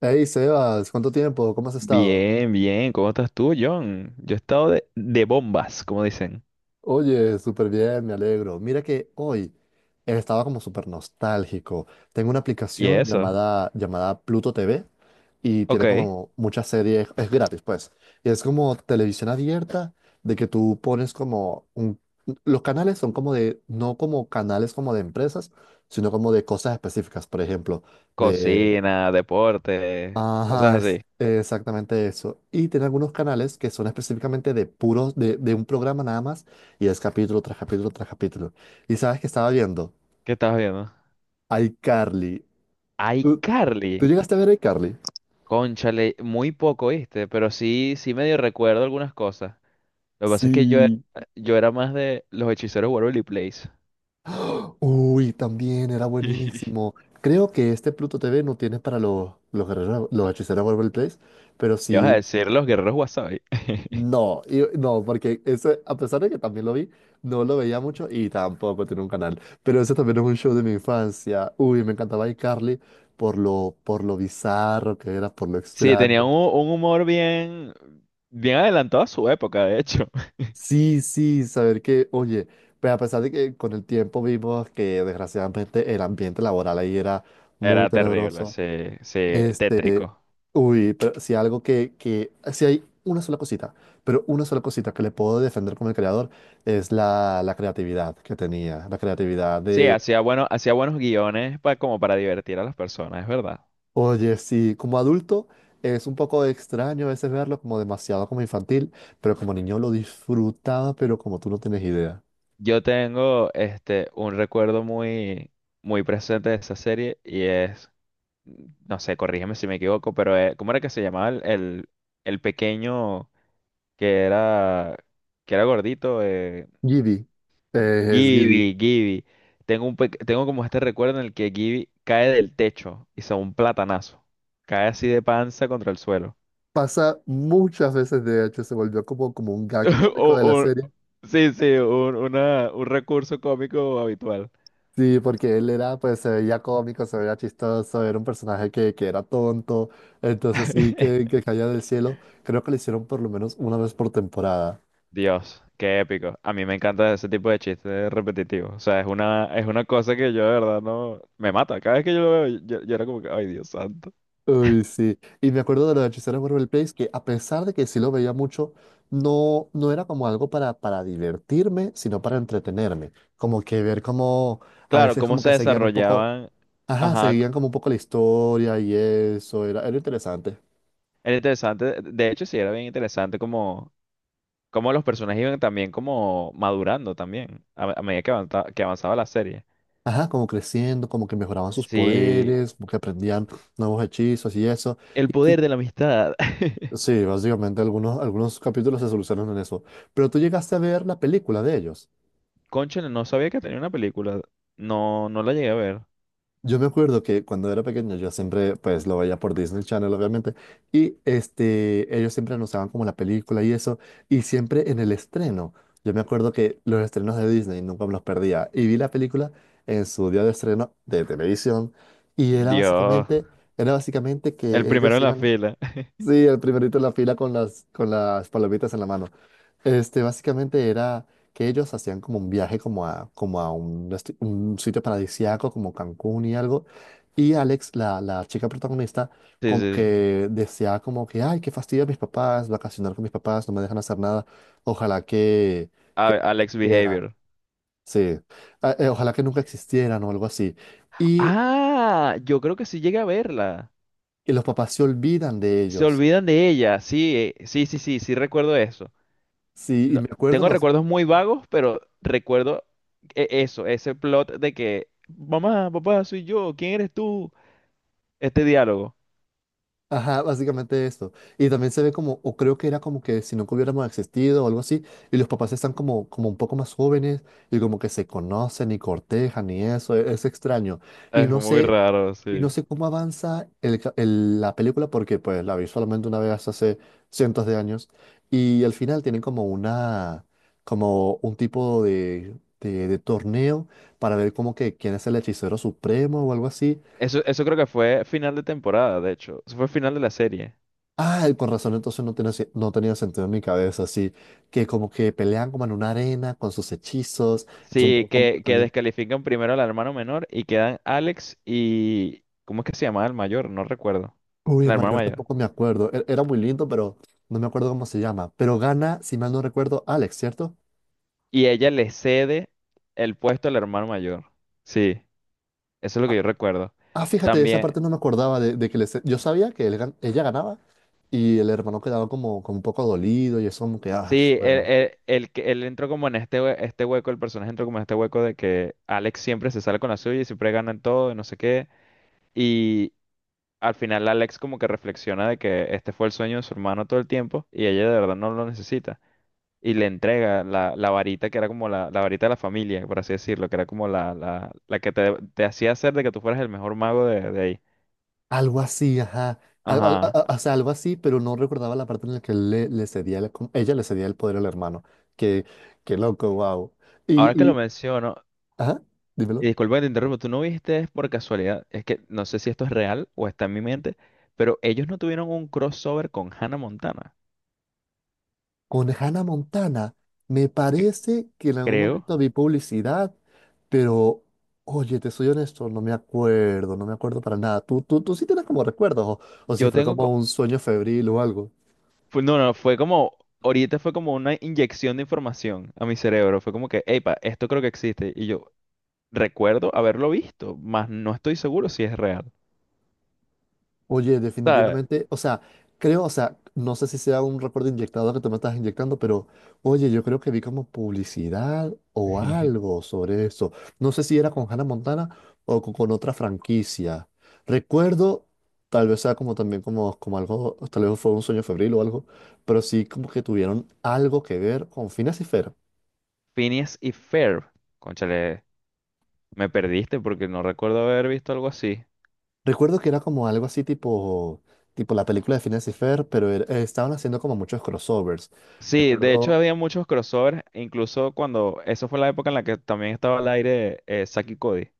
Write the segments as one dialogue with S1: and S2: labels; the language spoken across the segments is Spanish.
S1: Hey Sebas, ¿cuánto tiempo? ¿Cómo has estado?
S2: Bien, bien. ¿Cómo estás tú, John? Yo he estado de bombas, como dicen.
S1: Oye, súper bien, me alegro. Mira que hoy estaba como súper nostálgico. Tengo una
S2: ¿Y
S1: aplicación
S2: eso?
S1: llamada Pluto TV y tiene
S2: Ok.
S1: como muchas series, es gratis pues. Y es como televisión abierta de que tú pones como un... Los canales son como de, no como canales como de empresas, sino como de cosas específicas, por ejemplo,
S2: Cocina, deporte,
S1: ajá,
S2: cosas
S1: es
S2: así.
S1: exactamente eso. Y tiene algunos canales que son específicamente de puros, de un programa nada más, y es capítulo tras capítulo tras capítulo. Y sabes que estaba viendo
S2: ¿Qué estás viendo?
S1: iCarly. ¿Tú,
S2: iCarly.
S1: tú llegaste a ver iCarly?
S2: Cónchale, muy poco, ¿viste? Pero sí, sí medio recuerdo algunas cosas. Lo que pasa es que yo era,
S1: Sí.
S2: yo era más de los hechiceros Waverly Place.
S1: Uy, también era buenísimo. Creo que este Pluto TV no tiene para los guerreros, los hechiceros Waverly Place, pero
S2: ¿Qué vas a
S1: sí
S2: decir los guerreros Wasabi?
S1: no porque ese, a pesar de que también lo vi, no lo veía mucho y tampoco tiene un canal. Pero ese también es un show de mi infancia. Uy, me encantaba iCarly por lo bizarro que era, por lo
S2: Sí, tenían
S1: extraño.
S2: un humor bien, bien adelantado a su época, de hecho.
S1: Sí, sí, saber que, oye, pues a pesar de que con el tiempo vimos que desgraciadamente el ambiente laboral ahí era muy
S2: Era terrible,
S1: tenebroso.
S2: sí, sí, tétrico.
S1: Uy, pero si algo que, si hay una sola cosita, pero una sola cosita que le puedo defender como el creador es la creatividad que tenía, la creatividad
S2: Sí,
S1: de,
S2: hacía buenos guiones como para divertir a las personas, es verdad.
S1: oye, sí, como adulto es un poco extraño a veces verlo como demasiado como infantil, pero como niño lo disfrutaba, pero como tú no tienes idea.
S2: Yo tengo un recuerdo muy, muy presente de esa serie y es, no sé, corrígeme si me equivoco, pero ¿cómo era que se llamaba el pequeño que era que era gordito?
S1: Giddy, es Giddy.
S2: Gibby, Gibby. Tengo como este recuerdo en el que Gibby cae del techo y se da un platanazo. Cae así de panza contra el suelo.
S1: Pasa muchas veces, de hecho, se volvió como, como un gag cómico
S2: O,
S1: de la
S2: o-
S1: serie.
S2: sí, sí, un recurso cómico habitual.
S1: Sí, porque él era, pues se veía cómico, se veía chistoso, era un personaje que era tonto, entonces sí, que, que caía del cielo. Creo que lo hicieron por lo menos una vez por temporada.
S2: Dios, qué épico. A mí me encanta ese tipo de chistes repetitivos. O sea, es una cosa que yo de verdad no. Me mata. Cada vez que yo lo veo, yo era como que, ay, Dios santo.
S1: Uy, sí. Y me acuerdo de los hechiceros de Waverly Place, que a pesar de que sí lo veía mucho, no, no era como algo para divertirme, sino para entretenerme. Como que ver como, a
S2: Claro,
S1: veces
S2: cómo
S1: como
S2: se
S1: que seguían un poco,
S2: desarrollaban.
S1: ajá,
S2: Ajá,
S1: seguían como un poco la historia y eso, era, era interesante.
S2: era interesante. De hecho, sí, era bien interesante como los personajes iban también como madurando también a medida que avanzaba la serie.
S1: Ajá, como creciendo, como que mejoraban sus
S2: Sí,
S1: poderes, como que aprendían nuevos hechizos y eso.
S2: el
S1: Y tú-
S2: poder de la amistad.
S1: sí, básicamente algunos, algunos capítulos se solucionan en eso. Pero tú llegaste a ver la película de ellos.
S2: Cónchale, no sabía que tenía una película. No, no la llegué a ver.
S1: Yo me acuerdo que cuando era pequeño yo siempre pues lo veía por Disney Channel obviamente y ellos siempre anunciaban como la película y eso y siempre en el estreno. Yo me acuerdo que los estrenos de Disney nunca me los perdía y vi la película en su día de estreno de televisión y era
S2: Dios.
S1: básicamente era básicamente
S2: El
S1: que
S2: primero
S1: ellos
S2: en la
S1: iban.
S2: fila.
S1: Sí, el primerito en la fila con las palomitas en la mano. Este, básicamente era que ellos hacían como un viaje como a, como a un, desti- un sitio paradisíaco como Cancún y algo. Y Alex, la chica protagonista,
S2: Sí, sí,
S1: como
S2: sí.
S1: que deseaba como que, ay, qué fastidio a mis papás, vacacionar con mis papás, no me dejan hacer nada. Ojalá que
S2: Alex
S1: existieran.
S2: Behavior.
S1: Sí, ah, ojalá que nunca existieran o algo así. Y,
S2: Ah, yo creo que sí llegué a verla.
S1: y los papás se olvidan de
S2: Se
S1: ellos.
S2: olvidan de ella. Sí, sí, sí, sí, sí recuerdo eso.
S1: Sí, y
S2: No-
S1: me acuerdo,
S2: Tengo
S1: nos,
S2: recuerdos muy vagos, pero recuerdo eso, ese plot de que, mamá, papá, soy yo, ¿quién eres tú? Este diálogo.
S1: ajá, básicamente esto. Y también se ve como, o creo que era como que si nunca hubiéramos existido o algo así, y los papás están como, como un poco más jóvenes y como que se conocen y cortejan y eso, e- es, extraño. Y
S2: Es
S1: no
S2: muy
S1: sé,
S2: raro,
S1: y
S2: sí.
S1: no sé cómo avanza el ca- el- la película porque pues la vi solamente una vez hace cientos de años y al final tienen como una, como un tipo de torneo para ver como que quién es el hechicero supremo o algo así.
S2: Eso creo que fue final de temporada, de hecho. Eso fue final de la serie.
S1: Ah, con razón, entonces no tenía, se- no tenía sentido en mi cabeza, así que como que pelean como en una arena con sus hechizos, es un
S2: Sí,
S1: poco cómico
S2: que
S1: también.
S2: descalifican primero al hermano menor y quedan Alex y. ¿Cómo es que se llamaba el mayor? No recuerdo.
S1: Uy,
S2: El
S1: el
S2: hermano
S1: mayor
S2: mayor.
S1: tampoco me acuerdo, e- era muy lindo, pero no me acuerdo cómo se llama, pero gana, si mal no recuerdo, Alex, ¿cierto?
S2: Y ella le cede el puesto al hermano mayor. Sí, eso es lo
S1: Ah,
S2: que yo recuerdo.
S1: ah, fíjate, esa
S2: También,
S1: parte no me acordaba de que les, yo sabía que él gan- ella ganaba y el hermano quedaba como, como un poco dolido y eso como que, ah,
S2: sí,
S1: bueno.
S2: él entró como en este hueco, el personaje entró como en este hueco de que Alex siempre se sale con la suya y siempre gana en todo y no sé qué. Y al final Alex como que reflexiona de que este fue el sueño de su hermano todo el tiempo y ella de verdad no lo necesita. Y le entrega la varita que era como la varita de la familia, por así decirlo, que era como la que te hacía hacer de que tú fueras el mejor mago de ahí.
S1: Algo así, ajá. Al- al-
S2: Ajá.
S1: a- o sea, algo así, pero no recordaba la parte en la que él le, le cedía la com- ella le cedía el poder al hermano. Qué, qué loco, wow.
S2: Ahora que
S1: Y,
S2: lo
S1: y,
S2: menciono,
S1: ajá,
S2: y
S1: dímelo.
S2: disculpa que te interrumpo, ¿tú no viste por casualidad? Es que no sé si esto es real o está en mi mente, pero ¿ellos no tuvieron un crossover con Hannah Montana?
S1: Con Hannah Montana, me
S2: que-
S1: parece que en algún
S2: Creo.
S1: momento vi publicidad, pero, oye, te soy honesto, no me acuerdo para nada. ¿Tú sí tienes como recuerdos o si
S2: Yo
S1: fue
S2: tengo...
S1: como
S2: co-
S1: un sueño febril o algo?
S2: fue- No, no, fue como. Ahorita fue como una inyección de información a mi cerebro. Fue como que, epa, esto creo que existe. Recuerdo haberlo visto, mas no estoy seguro si es real.
S1: Oye,
S2: O sea.
S1: definitivamente, o sea, creo, o sea, no sé si sea un recuerdo inyectado que tú me estás inyectando, pero oye, yo creo que vi como publicidad o algo sobre eso. No sé si era con Hannah Montana o co- con, otra franquicia. Recuerdo, tal vez sea como también como, como algo, tal vez fue un sueño febril o algo, pero sí como que tuvieron algo que ver con Phineas y Ferb.
S2: Phineas y Ferb. Cónchale, me perdiste porque no recuerdo haber visto algo así.
S1: Recuerdo que era como algo así tipo, tipo la película de Phineas y Ferb, pero era- estaban haciendo como muchos crossovers.
S2: Sí, de hecho
S1: Recuerdo.
S2: había muchos crossovers, incluso cuando. Eso fue la época en la que también estaba al aire Zack y Cody.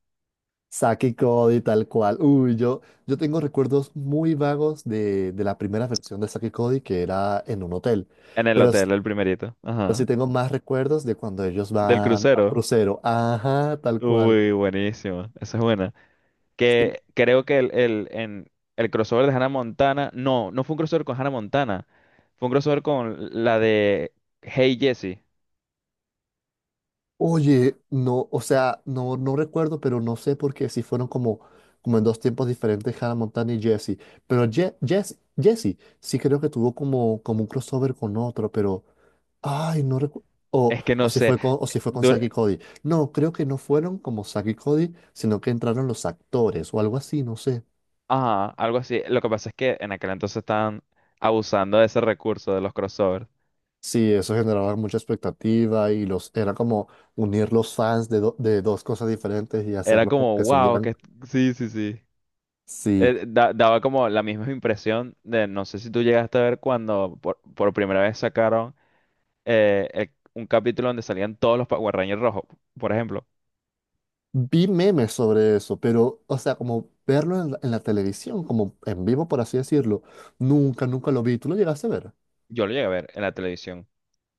S1: Saki y Cody, tal cual. Uy, yo tengo recuerdos muy vagos de la primera versión de Saki y Cody, que era en un hotel.
S2: En el
S1: Pero, s-
S2: hotel, el primerito.
S1: pero sí
S2: Ajá.
S1: tengo más recuerdos de cuando ellos
S2: Del
S1: van a un
S2: crucero.
S1: crucero. Ajá, tal cual.
S2: Uy, buenísimo. Esa es buena.
S1: Sí,
S2: Que creo que el crossover de Hannah Montana, no, no fue un crossover con Hannah Montana, fue un crossover con la de Hey Jessie.
S1: oye, no, o sea, no, no recuerdo, pero no sé por qué si fueron como, como en dos tiempos diferentes Hannah Montana y Jesse. Pero Je Jess- Jesse sí creo que tuvo como, como un crossover con otro, pero. Ay, no recuerdo.
S2: Es que
S1: O
S2: no
S1: si
S2: sé,
S1: fue con, o si fue con
S2: dur-
S1: Zack y Cody. No, creo que no fueron como Zack y Cody, sino que entraron los actores o algo así, no sé.
S2: ajá, algo así. Lo que pasa es que en aquel entonces estaban abusando de ese recurso de los crossovers.
S1: Sí, eso generaba mucha expectativa y los era como unir los fans de, do- de dos cosas diferentes y
S2: Era
S1: hacerlos como
S2: como,
S1: que se
S2: wow,
S1: unieran.
S2: que sí, sí, sí.
S1: Sí,
S2: Daba como la misma impresión de, no sé si tú llegaste a ver cuando por primera vez sacaron un capítulo donde salían todos los Power Rangers rojos, por ejemplo.
S1: vi memes sobre eso, pero, o sea, como verlo en la televisión, como en vivo, por así decirlo, nunca, nunca lo vi. ¿Tú lo llegaste a ver?
S2: Yo lo llegué a ver en la televisión.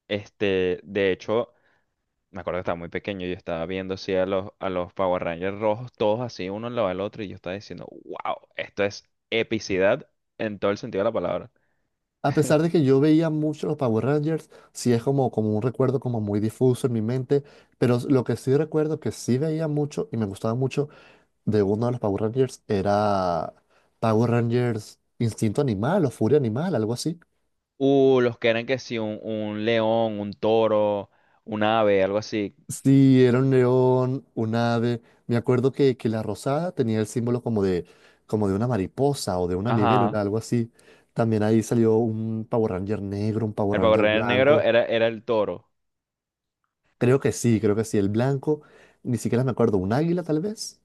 S2: De hecho, me acuerdo que estaba muy pequeño y yo estaba viendo así a los Power Rangers rojos, todos así, uno al lado del otro, y yo estaba diciendo, wow, esto es epicidad en todo el sentido de la palabra.
S1: A pesar de que yo veía mucho los Power Rangers, sí es como, como un recuerdo como muy difuso en mi mente, pero s- lo que sí recuerdo que sí veía mucho y me gustaba mucho de uno de los Power Rangers era Power Rangers Instinto Animal o Furia Animal, algo así.
S2: Los que eran que sí, un león, un toro, un ave, algo así.
S1: Sí, era un león, un ave. Me acuerdo que la rosada tenía el símbolo como de una mariposa o de una libélula,
S2: Ajá.
S1: algo así. También ahí salió un Power Ranger negro, un Power
S2: El Power
S1: Ranger
S2: Ranger negro
S1: blanco.
S2: era el toro.
S1: Creo que sí, creo que sí. El blanco, ni siquiera me acuerdo, un águila tal vez.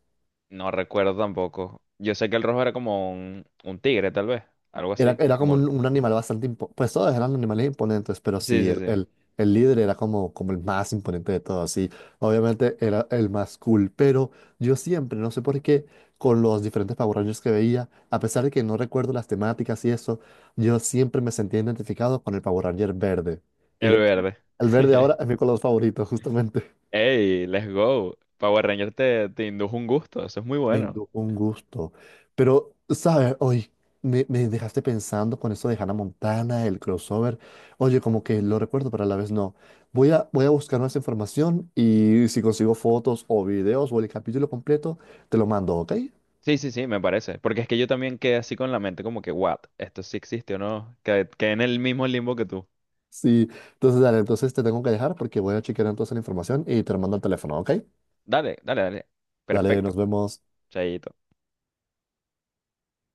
S2: No recuerdo tampoco. Yo sé que el rojo era como un tigre, tal vez. Algo
S1: Era,
S2: así.
S1: era como
S2: Como el.
S1: un animal bastante impo- Pues todos eran animales imponentes, pero
S2: Sí,
S1: sí,
S2: sí,
S1: el,
S2: sí.
S1: el, el líder era como, como el más imponente de todos. Sí, obviamente era el más cool, pero yo siempre, no sé por qué, con los diferentes Power Rangers que veía, a pesar de que no recuerdo las temáticas y eso, yo siempre me sentía identificado con el Power Ranger verde. Y
S2: El
S1: de hecho,
S2: verde.
S1: el verde ahora es mi color favorito, justamente.
S2: Hey, let's go. Power Ranger te indujo un gusto, eso es muy bueno.
S1: Bendito, un gusto. Pero, ¿sabes? Hoy me dejaste pensando con eso de Hannah Montana, el crossover. Oye, como que lo recuerdo, pero a la vez no. Voy a buscar más información y si consigo fotos o videos o el capítulo completo, te lo mando, ¿ok?
S2: Sí, sí, sí, me parece. Porque es que yo también quedé así con la mente como que, what, esto sí existe o no. Quedé, en el mismo limbo que tú.
S1: Sí. Entonces, dale, entonces te tengo que dejar porque voy a chequear entonces la información y te lo mando al teléfono, ¿ok?
S2: Dale, dale, dale.
S1: Dale, nos
S2: Perfecto.
S1: vemos.
S2: Chaito.